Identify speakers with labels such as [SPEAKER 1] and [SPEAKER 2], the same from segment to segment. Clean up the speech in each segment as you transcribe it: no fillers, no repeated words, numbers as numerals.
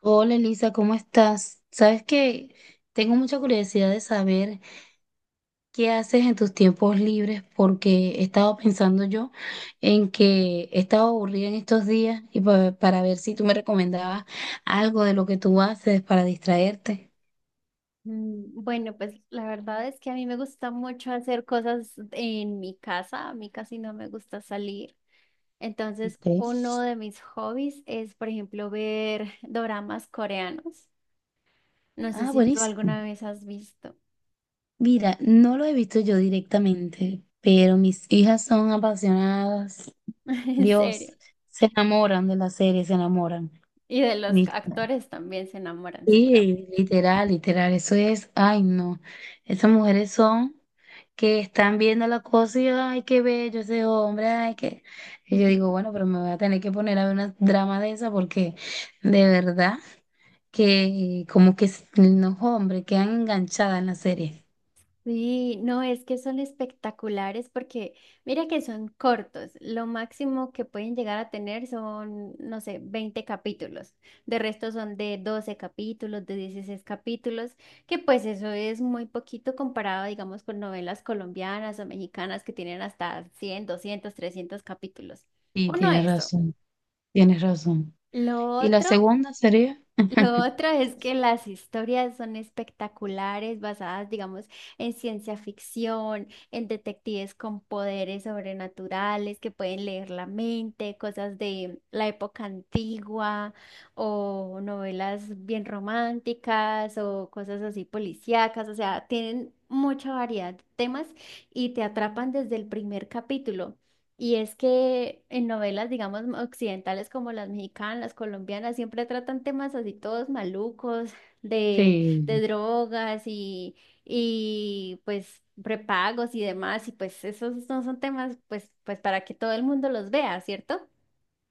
[SPEAKER 1] Hola Elisa, ¿cómo estás? Sabes que tengo mucha curiosidad de saber qué haces en tus tiempos libres porque he estado pensando yo en que he estado aburrida en estos días y para ver si tú me recomendabas algo de lo que tú haces para distraerte.
[SPEAKER 2] Bueno, pues la verdad es que a mí me gusta mucho hacer cosas en mi casa, a mí casi no me gusta salir. Entonces,
[SPEAKER 1] Ok.
[SPEAKER 2] uno de mis hobbies es, por ejemplo, ver doramas coreanos. No sé
[SPEAKER 1] Ah,
[SPEAKER 2] si tú
[SPEAKER 1] buenísimo.
[SPEAKER 2] alguna vez has visto,
[SPEAKER 1] Mira, no lo he visto yo directamente, pero mis hijas son apasionadas.
[SPEAKER 2] en
[SPEAKER 1] Dios,
[SPEAKER 2] serio.
[SPEAKER 1] se enamoran de la serie, se enamoran.
[SPEAKER 2] Y de los actores también se enamoran seguramente.
[SPEAKER 1] Sí, literal, literal, eso es, ay no, esas mujeres son que están viendo la cosa y ay, qué bello ese hombre, ay, qué... Y yo digo, bueno, pero me voy a tener que poner a ver una drama de esa porque de verdad que como que los hombres quedan enganchadas en la serie.
[SPEAKER 2] Sí, no, es que son espectaculares porque mira que son cortos. Lo máximo que pueden llegar a tener son, no sé, 20 capítulos. De resto son de 12 capítulos, de 16 capítulos, que pues eso es muy poquito comparado, digamos, con novelas colombianas o mexicanas que tienen hasta 100, 200, 300 capítulos.
[SPEAKER 1] Sí,
[SPEAKER 2] Uno
[SPEAKER 1] tienes
[SPEAKER 2] eso.
[SPEAKER 1] razón, tienes razón.
[SPEAKER 2] Lo
[SPEAKER 1] ¿Y la
[SPEAKER 2] otro
[SPEAKER 1] segunda sería?
[SPEAKER 2] lo otro es que las historias son espectaculares, basadas, digamos, en ciencia ficción, en detectives con poderes sobrenaturales que pueden leer la mente, cosas de la época antigua, o novelas bien románticas, o cosas así policíacas, o sea, tienen mucha variedad de temas y te atrapan desde el primer capítulo. Y es que en novelas, digamos, occidentales como las mexicanas, las colombianas, siempre tratan temas así todos malucos, de, de
[SPEAKER 1] Sí.
[SPEAKER 2] drogas y pues prepagos y demás, y pues esos no son temas pues, pues para que todo el mundo los vea, ¿cierto?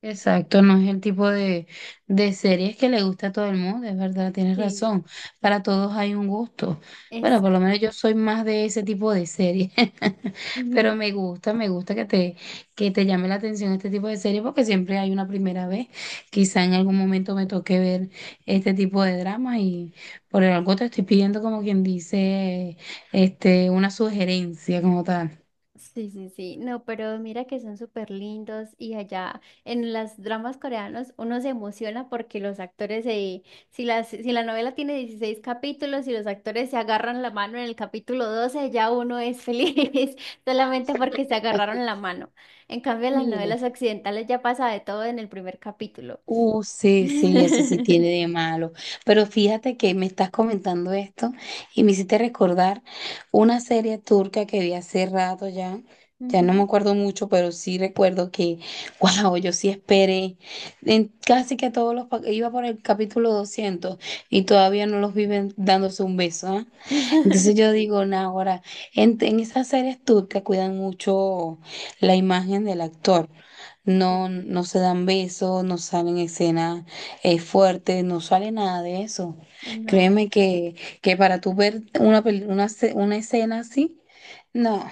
[SPEAKER 1] Exacto, no es el tipo de, series que le gusta a todo el mundo, es verdad, tienes
[SPEAKER 2] Sí.
[SPEAKER 1] razón. Para todos hay un gusto. Bueno, por lo
[SPEAKER 2] Exacto.
[SPEAKER 1] menos yo soy más de ese tipo de series, pero me gusta que te llame la atención este tipo de series porque siempre hay una primera vez. Quizá en algún momento me toque ver este tipo de dramas y por algo te estoy pidiendo como quien dice, este, una sugerencia como tal.
[SPEAKER 2] Sí, sí, sí. No, pero mira que son súper lindos y allá en las dramas coreanos uno se emociona porque los actores se, si la novela tiene 16 capítulos y los actores se agarran la mano en el capítulo 12 ya uno es feliz solamente porque se agarraron la mano. En cambio, en las
[SPEAKER 1] Mire.
[SPEAKER 2] novelas occidentales ya pasa de todo en el primer capítulo.
[SPEAKER 1] Sí, sí, eso sí tiene de malo. Pero fíjate que me estás comentando esto y me hiciste recordar una serie turca que vi hace rato ya. Ya no me
[SPEAKER 2] Ujú.
[SPEAKER 1] acuerdo mucho, pero sí recuerdo que, wow, yo sí esperé. En casi que todos los, iba por el capítulo 200 y todavía no los viven dándose un beso, entonces yo
[SPEAKER 2] Sí,
[SPEAKER 1] digo, nah, ahora, en esas series turcas cuidan mucho la imagen del actor.
[SPEAKER 2] sí.
[SPEAKER 1] No, no se dan besos, no salen escenas fuertes, no sale nada de eso.
[SPEAKER 2] No.
[SPEAKER 1] Créeme que, para tú ver una, peli- una, ce- una escena así, no,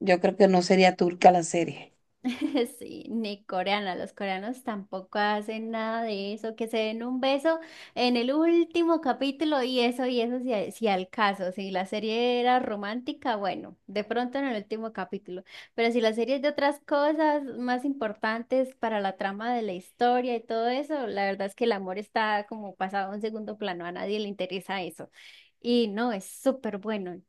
[SPEAKER 1] yo creo que no sería turca la serie.
[SPEAKER 2] Sí, ni coreana. Los coreanos tampoco hacen nada de eso, que se den un beso en el último capítulo y eso, si, si al caso, si la serie era romántica, bueno, de pronto en el último capítulo. Pero si la serie es de otras cosas más importantes para la trama de la historia y todo eso, la verdad es que el amor está como pasado a un segundo plano, a nadie le interesa eso. Y no, es súper bueno,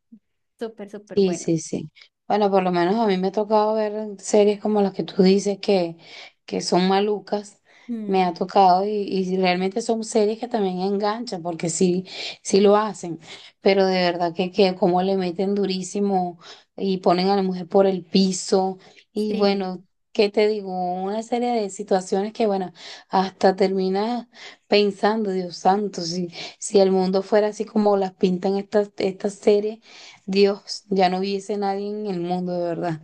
[SPEAKER 2] súper, súper
[SPEAKER 1] Sí,
[SPEAKER 2] bueno.
[SPEAKER 1] sí, sí. Bueno, por lo menos a mí me ha tocado ver series como las que tú dices que, son malucas. Me
[SPEAKER 2] Mm,
[SPEAKER 1] ha tocado y realmente son series que también enganchan porque sí, sí lo hacen. Pero de verdad que como le meten durísimo y ponen a la mujer por el piso. Y bueno,
[SPEAKER 2] sí.
[SPEAKER 1] ¿qué te digo? Una serie de situaciones que, bueno, hasta terminas pensando, Dios santo, si el mundo fuera así como las pintan estas series Dios, ya no hubiese nadie en el mundo, de verdad.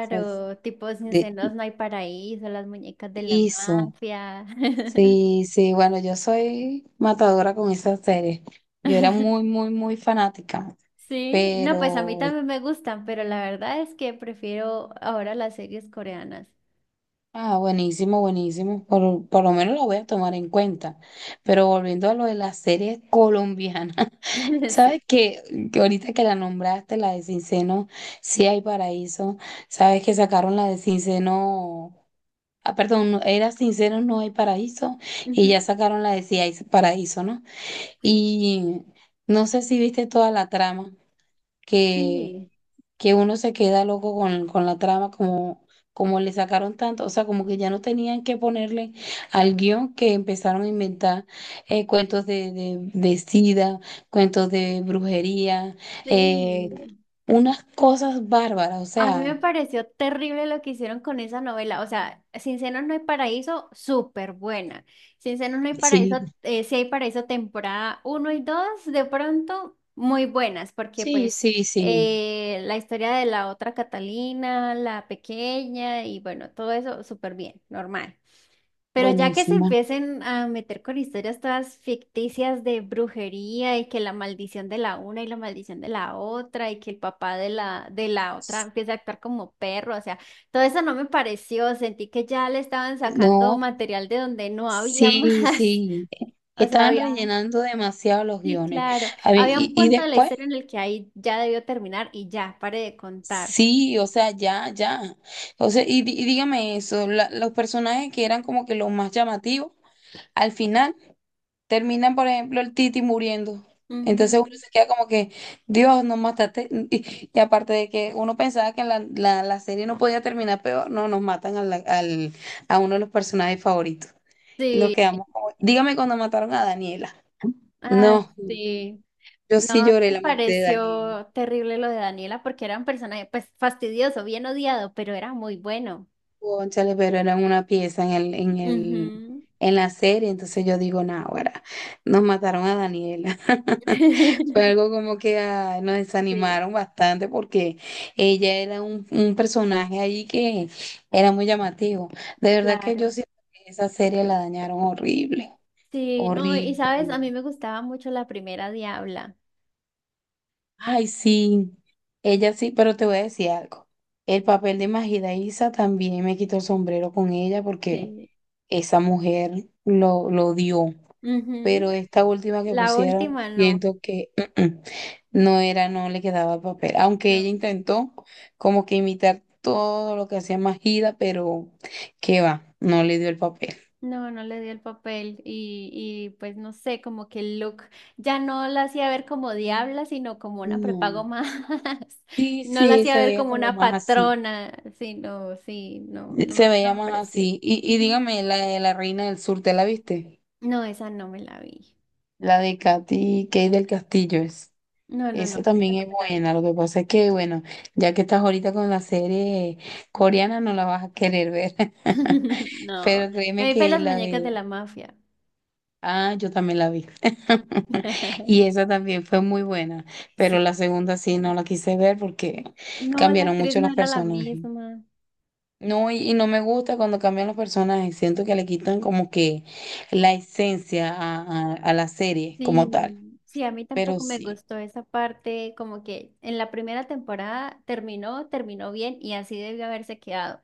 [SPEAKER 1] O sea,
[SPEAKER 2] tipo Sin
[SPEAKER 1] de
[SPEAKER 2] Senos No Hay Paraíso, Las Muñecas de la
[SPEAKER 1] eso.
[SPEAKER 2] Mafia.
[SPEAKER 1] Sí, sí, bueno, yo soy matadora con esas series. Yo era muy, muy, muy fanática,
[SPEAKER 2] Sí, no, pues a mí
[SPEAKER 1] pero,
[SPEAKER 2] también me gustan, pero la verdad es que prefiero ahora las series coreanas.
[SPEAKER 1] ah, buenísimo, buenísimo. Por lo menos lo voy a tomar en cuenta. Pero
[SPEAKER 2] Sí.
[SPEAKER 1] volviendo a lo de las series colombianas,
[SPEAKER 2] Sí.
[SPEAKER 1] ¿sabes qué? Que ahorita que la nombraste, la de Cinceno, sí hay paraíso. ¿Sabes que sacaron la de Cinceno? Ah, perdón, no, era sincero, no hay paraíso, y
[SPEAKER 2] Ujú.
[SPEAKER 1] ya sacaron la de si hay paraíso, ¿no?
[SPEAKER 2] Sí.
[SPEAKER 1] Y no sé si viste toda la trama, que,
[SPEAKER 2] Sí.
[SPEAKER 1] que uno se queda loco con, la trama, como le sacaron tanto, o sea, como que ya no tenían que ponerle al guión que empezaron a inventar cuentos de sida, cuentos de brujería,
[SPEAKER 2] Sí.
[SPEAKER 1] eh, unas cosas bárbaras, o
[SPEAKER 2] A mí me
[SPEAKER 1] sea,
[SPEAKER 2] pareció terrible lo que hicieron con esa novela. O sea, Sin Senos No Hay Paraíso, súper buena. Sin Senos No Hay Paraíso,
[SPEAKER 1] sí,
[SPEAKER 2] Sí Hay Paraíso temporada uno y 2, de pronto muy buenas, porque
[SPEAKER 1] sí,
[SPEAKER 2] pues
[SPEAKER 1] sí, sí,
[SPEAKER 2] la historia de la otra Catalina, la pequeña y bueno, todo eso súper bien, normal. Pero ya que se
[SPEAKER 1] buenísima.
[SPEAKER 2] empiecen a meter con historias todas ficticias de brujería y que la maldición de la una y la maldición de la otra y que el papá de la otra empieza a actuar como perro, o sea, todo eso no me pareció, sentí que ya le estaban sacando
[SPEAKER 1] No,
[SPEAKER 2] material de donde no había más.
[SPEAKER 1] sí, sí,
[SPEAKER 2] O sea,
[SPEAKER 1] estaban
[SPEAKER 2] había,
[SPEAKER 1] rellenando demasiado los
[SPEAKER 2] sí,
[SPEAKER 1] guiones.
[SPEAKER 2] claro,
[SPEAKER 1] A ver,
[SPEAKER 2] había un
[SPEAKER 1] y
[SPEAKER 2] punto de la
[SPEAKER 1] después,
[SPEAKER 2] historia en el que ahí ya debió terminar y ya, pare de contar.
[SPEAKER 1] sí, o sea, ya, ya. O sea, y, y dígame eso, los personajes que eran como que los más llamativos, al final terminan, por ejemplo, el Titi muriendo. Entonces uno
[SPEAKER 2] Ujú.
[SPEAKER 1] se queda como que, Dios, nos mataste. Y aparte de que uno pensaba que la, serie no podía terminar peor, no, nos matan a uno de los personajes favoritos. Y nos
[SPEAKER 2] Sí,
[SPEAKER 1] quedamos como, dígame cuando mataron a Daniela.
[SPEAKER 2] ay,
[SPEAKER 1] No,
[SPEAKER 2] sí.
[SPEAKER 1] yo sí
[SPEAKER 2] No,
[SPEAKER 1] lloré
[SPEAKER 2] me
[SPEAKER 1] la muerte de Daniela.
[SPEAKER 2] pareció terrible lo de Daniela porque era un personaje, pues fastidioso, bien odiado, pero era muy bueno.
[SPEAKER 1] Cónchale, pero eran una pieza
[SPEAKER 2] Ujú.
[SPEAKER 1] en la serie, entonces yo digo, náguara, nos mataron a Daniela. Fue algo como que ay, nos
[SPEAKER 2] Sí,
[SPEAKER 1] desanimaron bastante porque ella era un personaje allí que era muy llamativo. De verdad que yo
[SPEAKER 2] claro.
[SPEAKER 1] siento que esa serie la dañaron horrible,
[SPEAKER 2] Sí, no, y
[SPEAKER 1] horrible,
[SPEAKER 2] sabes, a mí
[SPEAKER 1] horrible.
[SPEAKER 2] me gustaba mucho la primera Diabla.
[SPEAKER 1] Ay, sí, ella sí, pero te voy a decir algo. El papel de Majida Isa también me quitó el sombrero con ella porque
[SPEAKER 2] Sí.
[SPEAKER 1] esa mujer lo dio. Pero
[SPEAKER 2] Ujú.
[SPEAKER 1] esta última que
[SPEAKER 2] La
[SPEAKER 1] pusieron,
[SPEAKER 2] última no.
[SPEAKER 1] siento que mm, mm, no era, no le quedaba el papel. Aunque ella
[SPEAKER 2] No.
[SPEAKER 1] intentó como que imitar todo lo que hacía Majida, pero qué va, no le dio el papel.
[SPEAKER 2] No, no le dio el papel y pues no sé, como que el look ya no la hacía ver como diabla, sino como una prepago
[SPEAKER 1] No.
[SPEAKER 2] más.
[SPEAKER 1] Sí,
[SPEAKER 2] No la
[SPEAKER 1] sí,
[SPEAKER 2] hacía
[SPEAKER 1] se
[SPEAKER 2] ver
[SPEAKER 1] veía
[SPEAKER 2] como
[SPEAKER 1] como
[SPEAKER 2] una
[SPEAKER 1] más así.
[SPEAKER 2] patrona, sino, sí, no, no,
[SPEAKER 1] Se
[SPEAKER 2] no
[SPEAKER 1] veía
[SPEAKER 2] me
[SPEAKER 1] más
[SPEAKER 2] pareció.
[SPEAKER 1] así. Y
[SPEAKER 2] Ujú.
[SPEAKER 1] dígame, la de la Reina del Sur, ¿te la viste?
[SPEAKER 2] No, esa no me la vi.
[SPEAKER 1] La de Katy Kay del Castillo es.
[SPEAKER 2] No, no, no,
[SPEAKER 1] Esa
[SPEAKER 2] esa
[SPEAKER 1] también
[SPEAKER 2] no
[SPEAKER 1] es
[SPEAKER 2] me la vi.
[SPEAKER 1] buena. Lo que pasa es que, bueno, ya que estás ahorita con la serie coreana, no la vas a querer ver.
[SPEAKER 2] No,
[SPEAKER 1] Pero créeme
[SPEAKER 2] me vi fue
[SPEAKER 1] que
[SPEAKER 2] Las
[SPEAKER 1] la
[SPEAKER 2] Muñecas
[SPEAKER 1] de...
[SPEAKER 2] de la Mafia.
[SPEAKER 1] Ah, yo también la vi. Y esa también fue muy buena. Pero la
[SPEAKER 2] Sí.
[SPEAKER 1] segunda sí no la quise ver porque
[SPEAKER 2] No, la
[SPEAKER 1] cambiaron
[SPEAKER 2] actriz
[SPEAKER 1] mucho
[SPEAKER 2] no
[SPEAKER 1] los
[SPEAKER 2] era la
[SPEAKER 1] personajes.
[SPEAKER 2] misma.
[SPEAKER 1] No, y no me gusta cuando cambian los personajes. Siento que le quitan como que la esencia a la serie como tal.
[SPEAKER 2] Sí, sí, a mí
[SPEAKER 1] Pero
[SPEAKER 2] tampoco me
[SPEAKER 1] sí.
[SPEAKER 2] gustó esa parte, como que en la primera temporada terminó bien y así debió haberse quedado,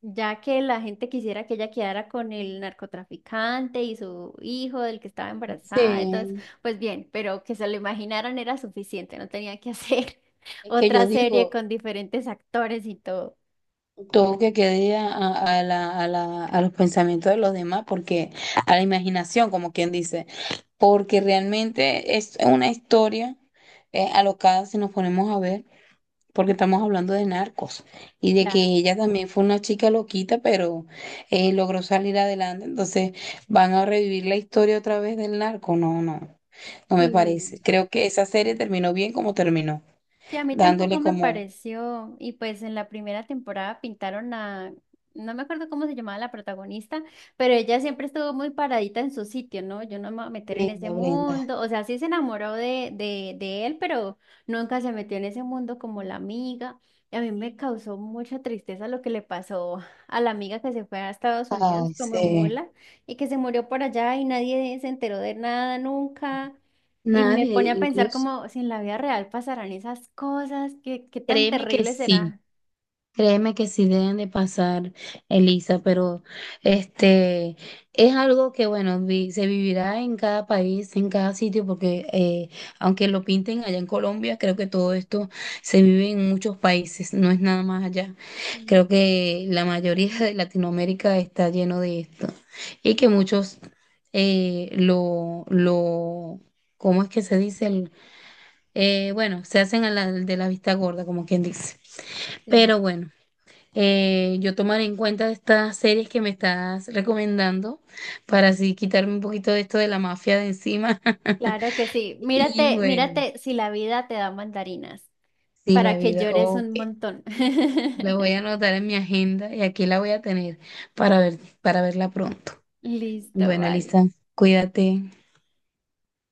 [SPEAKER 2] ya que la gente quisiera que ella quedara con el narcotraficante y su hijo del que estaba embarazada, entonces,
[SPEAKER 1] Sí,
[SPEAKER 2] pues bien, pero que se lo imaginaran era suficiente, no tenía que hacer
[SPEAKER 1] es que
[SPEAKER 2] otra
[SPEAKER 1] yo
[SPEAKER 2] serie
[SPEAKER 1] digo,
[SPEAKER 2] con diferentes actores y todo.
[SPEAKER 1] todo que quede a los pensamientos de los demás, porque a la imaginación, como quien dice, porque realmente es una historia alocada si nos ponemos a ver, porque estamos hablando de narcos y de que
[SPEAKER 2] Claro,
[SPEAKER 1] ella también fue una chica loquita, pero logró salir adelante, entonces van a revivir la historia otra vez del narco, no, no, no me parece.
[SPEAKER 2] sí.
[SPEAKER 1] Creo que esa serie terminó bien como terminó,
[SPEAKER 2] Sí, a mí tampoco
[SPEAKER 1] dándole
[SPEAKER 2] me
[SPEAKER 1] como...
[SPEAKER 2] pareció. Y pues en la primera temporada pintaron a, no me acuerdo cómo se llamaba la protagonista, pero ella siempre estuvo muy paradita en su sitio, ¿no? Yo no me voy a meter en ese
[SPEAKER 1] Brenda, Brenda.
[SPEAKER 2] mundo. O sea, sí se enamoró de él, pero nunca se metió en ese mundo como la amiga. Y a mí me causó mucha tristeza lo que le pasó a la amiga que se fue a Estados Unidos
[SPEAKER 1] Ay,
[SPEAKER 2] como
[SPEAKER 1] sí.
[SPEAKER 2] mula y que se murió por allá y nadie se enteró de nada nunca. Y me pone a
[SPEAKER 1] Nadie,
[SPEAKER 2] pensar
[SPEAKER 1] incluso.
[SPEAKER 2] como si en la vida real pasarán esas cosas, qué tan
[SPEAKER 1] Créeme que
[SPEAKER 2] terrible
[SPEAKER 1] sí,
[SPEAKER 2] será.
[SPEAKER 1] créeme que sí deben de pasar, Elisa, pero este es algo que, bueno, se vivirá en cada país, en cada sitio, porque aunque lo pinten allá en Colombia, creo que todo esto se vive en muchos países, no es nada más allá.
[SPEAKER 2] Mm,
[SPEAKER 1] Creo que la mayoría de Latinoamérica está lleno de esto y que muchos eh, lo, lo, ¿cómo es que se dice? Bueno, se hacen de la vista gorda, como quien dice.
[SPEAKER 2] sí.
[SPEAKER 1] Pero bueno, yo tomaré en cuenta estas series que me estás recomendando para así quitarme un poquito de esto de la mafia de encima.
[SPEAKER 2] Claro que sí.
[SPEAKER 1] Y
[SPEAKER 2] Mírate,
[SPEAKER 1] bueno,
[SPEAKER 2] mírate si la vida te da mandarinas
[SPEAKER 1] sí, la
[SPEAKER 2] para que
[SPEAKER 1] vida.
[SPEAKER 2] llores
[SPEAKER 1] Ok,
[SPEAKER 2] un montón.
[SPEAKER 1] la voy a anotar en mi agenda y aquí la voy a tener para ver, para verla pronto.
[SPEAKER 2] Listo,
[SPEAKER 1] Bueno,
[SPEAKER 2] vale.
[SPEAKER 1] Elisa, cuídate.